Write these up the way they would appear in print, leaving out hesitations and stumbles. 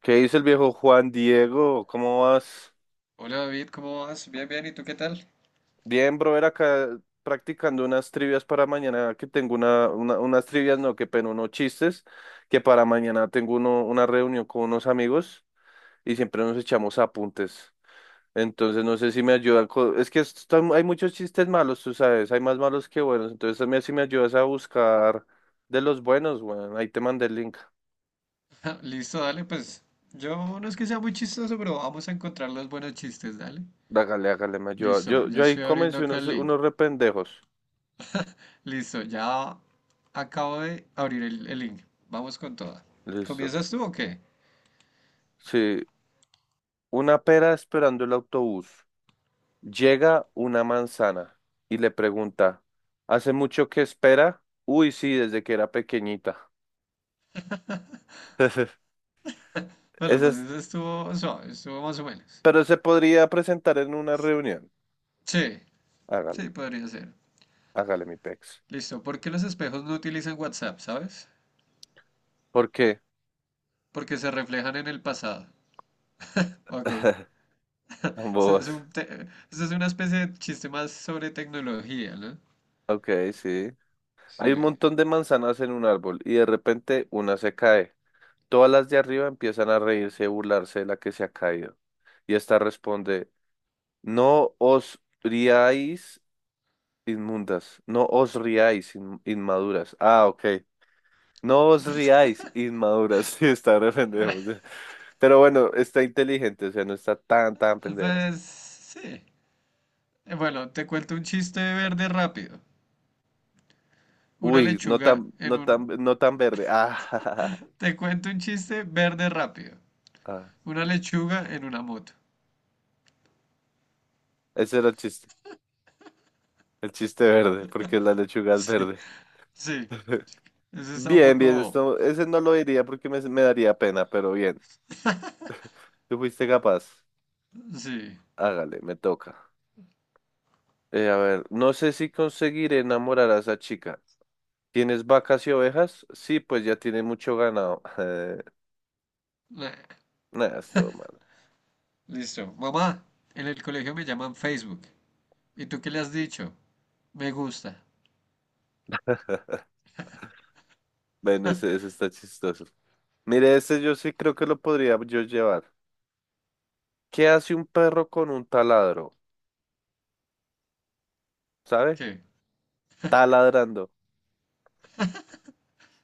¿Qué dice el viejo Juan Diego? ¿Cómo vas? Hola David, ¿cómo vas? Bien, bien, ¿y tú qué tal? Bien, brother, acá practicando unas trivias para mañana, que tengo unas trivias, no, qué pena, unos chistes, que para mañana tengo una reunión con unos amigos y siempre nos echamos apuntes. Entonces, no sé si me ayudan. Es que hay muchos chistes malos, tú sabes, hay más malos que buenos. Entonces, también si me ayudas a buscar de los buenos, bueno, ahí te mandé el link. Listo, dale, pues yo no es que sea muy chistoso, pero vamos a encontrar los buenos chistes, dale. Hágale, hágale, me ayuda. Listo, Yo, ya yo ahí estoy abriendo comencé acá unos, el link. unos rependejos. Listo, ya acabo de abrir el link. Vamos con toda. Listo. ¿Comienzas tú o qué? Sí, una pera esperando el autobús. Llega una manzana y le pregunta, ¿hace mucho que espera? Uy, sí, desde que era pequeñita. Ese Bueno, pues es, eso estuvo suave, estuvo más o menos. pero se podría presentar en una reunión. Sí, Hágale, sí, podría ser. hágale mi pex. Listo, ¿por qué los espejos no utilizan WhatsApp, sabes? ¿Por qué? Porque se reflejan en el pasado. Ok, eso Ambos. es eso es una especie de chiste más sobre tecnología, ¿no? Ok, sí. Sí. Hay un montón de manzanas en un árbol y de repente una se cae. Todas las de arriba empiezan a reírse y burlarse de la que se ha caído. Y esta responde, ¿no os riáis? Inmundas. No os riáis, inmaduras. Ah, ok. No os riáis, inmaduras. Sí, está re pendejo. Sí. Pero bueno, está inteligente, o sea, no está tan, tan pendejo. Pues sí. Bueno, te cuento un chiste verde rápido. Una Uy, no lechuga tan, en no un... tan, no tan verde. Ah, jajaja. Te cuento un chiste verde rápido. Ah. Una lechuga en una moto. Ese era el chiste. El chiste verde, porque la lechuga es Sí, verde. sí. Ese está un Bien, poco bien, bobo. esto, ese no lo diría porque me daría pena, pero bien. Tú fuiste capaz. Sí. Hágale, me toca. A ver, no sé si conseguiré enamorar a esa chica. ¿Tienes vacas y ovejas? Sí, pues ya tiene mucho ganado. Nah, Nada, es todo malo. listo. Mamá, en el colegio me llaman Facebook. ¿Y tú qué le has dicho? Me gusta. Bueno, ese está chistoso. Mire, ese yo sí creo que lo podría yo llevar. ¿Qué hace un perro con un taladro? ¿Sabe? ¿Qué? Taladrando.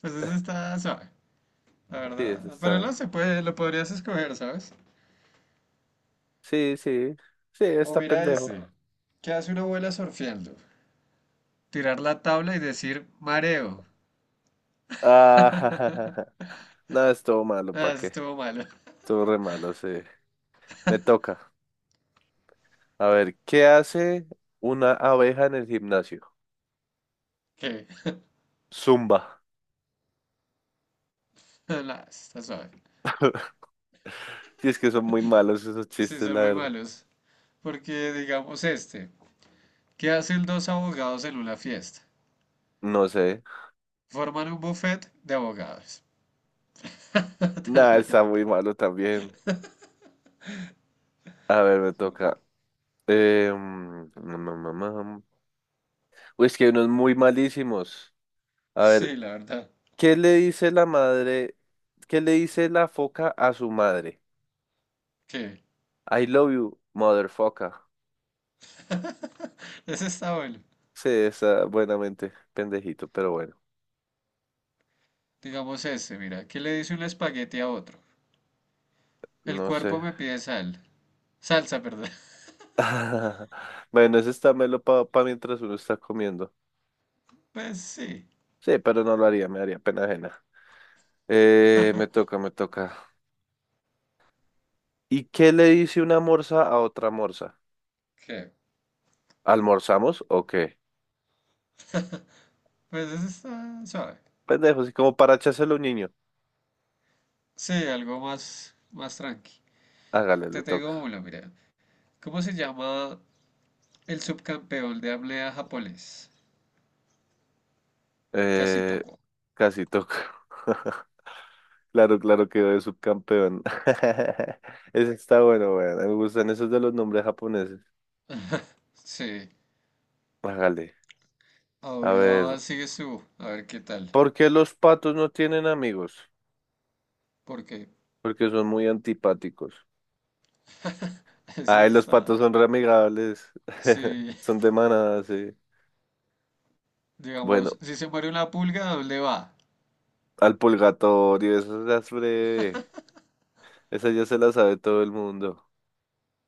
Pues ese está suave, la Sí, ese verdad. Pero no está. se puede, lo podrías escoger, ¿sabes? Sí, sí. Sí, O está mira pendejo. ese. ¿Qué hace una abuela surfeando? Tirar la tabla y decir mareo. Ah, ja, ja, ja, ja. Nada, es todo malo, ¿pa' Ah, eso qué? estuvo malo. Todo re malo, sí. Me toca. A ver, ¿qué hace una abeja en el gimnasio? Que, Zumba. nah, está suave. Y es que son muy malos esos Sí, chistes, son la muy verdad. malos. Porque digamos este, ¿qué hacen dos abogados en una fiesta? No sé. Forman un buffet de abogados. Tan Nada, mal. está muy malo también. A ver, me toca. Eh, mm, mm, mm, mm, mm. Uy, es que hay unos muy malísimos. A ver, Sí, la verdad. ¿qué le dice la madre? ¿Qué le dice la foca a su madre? Qué, I love you, mother foca. ese está bueno. Sí, está buenamente pendejito, pero bueno, Digamos este, mira, ¿qué le dice un espagueti a otro? El no sé. cuerpo me pide sal. Salsa, perdón. Bueno, ese está melo para mientras uno está comiendo. Pues sí. Sí, pero no lo haría, me haría pena ajena. Me toca, me toca. ¿Y qué le dice una morsa a otra morsa? ¿Qué? ¿Almorzamos o qué? Pues ese está suave. Pendejo, así como para echárselo a un niño. Sí, algo más, más tranqui. Hágale, Te le toca. tengo uno, mira. ¿Cómo se llama el subcampeón de apnea japonés? Eh, Kasitoko. Casi toca. Claro, claro, quedó de subcampeón. Ese está bueno, bueno. Me gustan esos de los nombres japoneses. Sí. Hágale. A ver, Ahora sigues tú. A ver qué tal. ¿por qué los patos no tienen amigos? Porque Porque son muy antipáticos. ese Ay, los está. patos son re amigables. Sí. Son de manada, sí. Bueno, Digamos, si se muere una pulga, ¿a dónde va? al purgatorio, esas las breve. Esa ya se la sabe todo el mundo.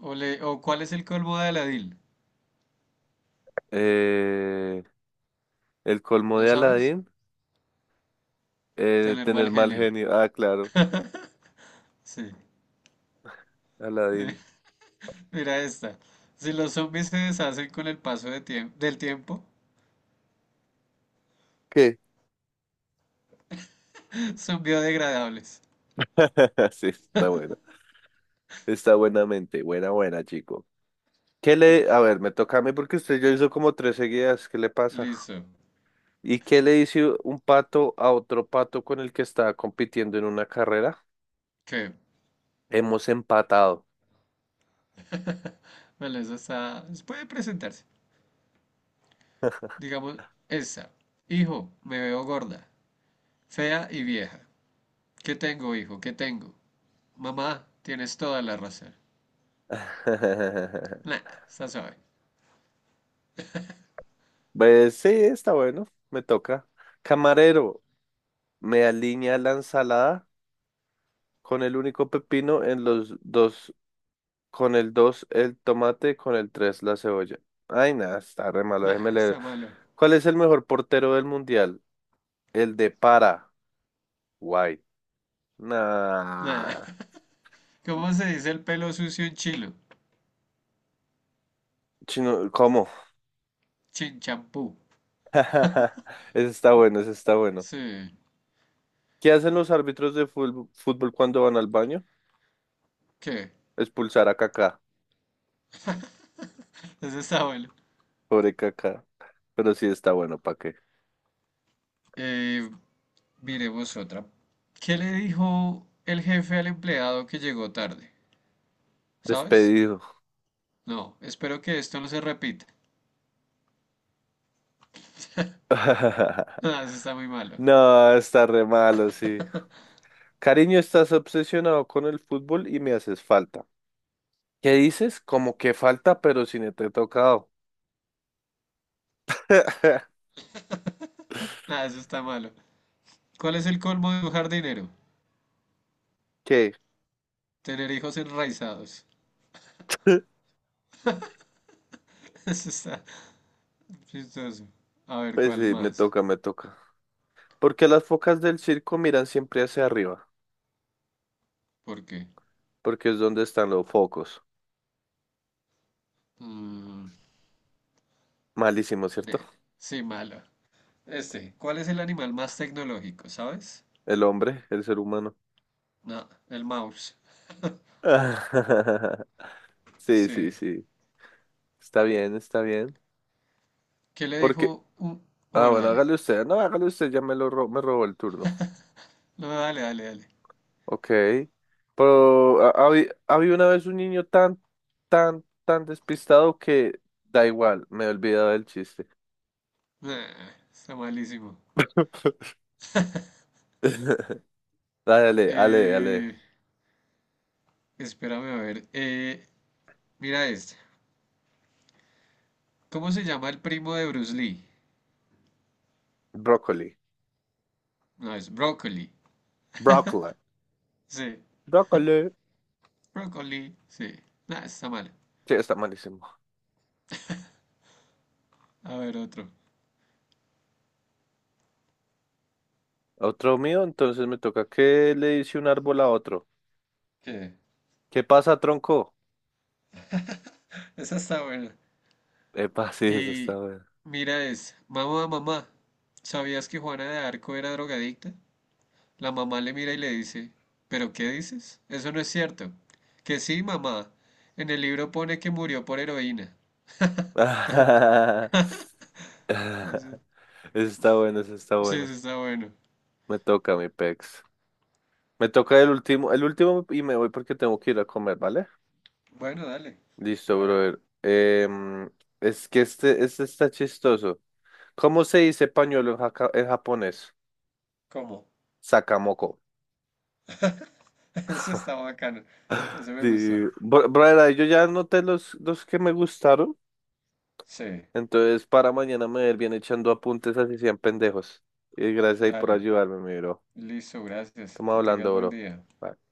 ¿O, o cuál es el colmo de Aladín? Eh, el colmo ¿Lo de sabes? Aladdin, Tener mal tener mal genio. genio. Ah, claro, Sí. Eh, Aladdin. Mira esta. Si los zombies se deshacen con el paso del tiempo, ¿Qué? son biodegradables. Sí, está buena. Está buenamente. Buena, buena, chico. ¿Qué le... A ver, me toca a mí porque usted ya hizo como tres seguidas. ¿Qué le pasa? Listo. ¿Y qué le dice un pato a otro pato con el que estaba compitiendo en una carrera? ¿Qué? Hemos empatado. Bueno, eso está. Puede presentarse. Digamos, esta. Hijo, me veo gorda, fea y vieja. ¿Qué tengo, hijo? ¿Qué tengo? Mamá, tienes toda la razón. Nah, está suave. Pues sí, está bueno. Me toca. Camarero, ¿me alinea la ensalada? Con el único pepino en los dos, con el dos el tomate, con el tres la cebolla. Ay, nada, está re malo, déjeme Nah, leer. está malo. ¿Cuál es el mejor portero del mundial? El de Paraguay. Nah. Nah. ¿Cómo se dice el pelo sucio en chilo? Chino, ¿cómo? Chinchampú. Ese está bueno, ese está bueno. Sí. ¿Qué hacen los árbitros de fútbol cuando van al baño? ¿Qué? Expulsar a Kaká. Eso está bueno. Pobre Kaká. Pero sí está bueno, ¿para qué? Eh, miremos otra. ¿Qué le dijo el jefe al empleado que llegó tarde? ¿Sabes? Despedido. No, espero que esto no se repita. Nah, eso está muy malo. No, está re malo, sí. Cariño, estás obsesionado con el fútbol y me haces falta. ¿Qué dices? Como que falta, pero si no te he tocado. Nah, eso está malo. ¿Cuál es el colmo de un jardinero? ¿Qué? Tener hijos enraizados. Eso está chistoso. A ver, Pues ¿cuál sí, me más? toca, me toca. Porque las focas del circo miran siempre hacia arriba, ¿Por qué? porque es donde están los focos. Mm, Malísimo, ¿cierto? eh, sí, malo. Este, ¿cuál es el animal más tecnológico, sabes? El hombre, el ser humano. No, el mouse. Sí, sí, Sí. sí. Está bien, está bien. ¿Qué le Porque, dijo un... oh, ah, bueno, bueno, dale. hágale usted. No, hágale usted, ya me lo me robó el turno. No, dale, dale, dale. Ok, pero ha una vez un niño tan, tan, tan despistado que da igual, me he olvidado del chiste. Nah, está malísimo. Dale, dale, dale, Eh, dale. espérame a ver. Mira esta. ¿Cómo se llama el primo de Bruce Lee? Brócoli. No, es Broccoli. Brócoli. Sí. Brócoli. Broccoli, sí. Nah, está mal. Sí, está malísimo. A ver, otro. Otro mío, entonces me toca qué le dice un árbol a otro. ¿Qué? ¿Qué pasa, tronco? Esa está buena. Epa, sí, eso está Y bueno. mira es, mamá, mamá, ¿sabías que Juana de Arco era drogadicta? La mamá le mira y le dice, ¿pero qué dices? Eso no es cierto. Que sí, mamá. En el libro pone que murió por heroína. A ver, ese... Eso está bueno, eso está Sí, bueno. eso está bueno. Me toca, mi pex. Me toca el último y me voy porque tengo que ir a comer, ¿vale? Bueno, dale. Listo, A ver. brother. Es que este está chistoso. ¿Cómo se dice pañuelo en, en japonés? ¿Cómo? Sakamoko. Eso está bacano. Eso me Sí, gustó. Brother, yo ya anoté los que me gustaron. Sí. Entonces, para mañana me voy a ir bien echando apuntes así sean pendejos. Y gracias ahí por Dale. ayudarme, mi bro. Listo, gracias. Estamos Que tengas hablando, buen bro. día. Bye.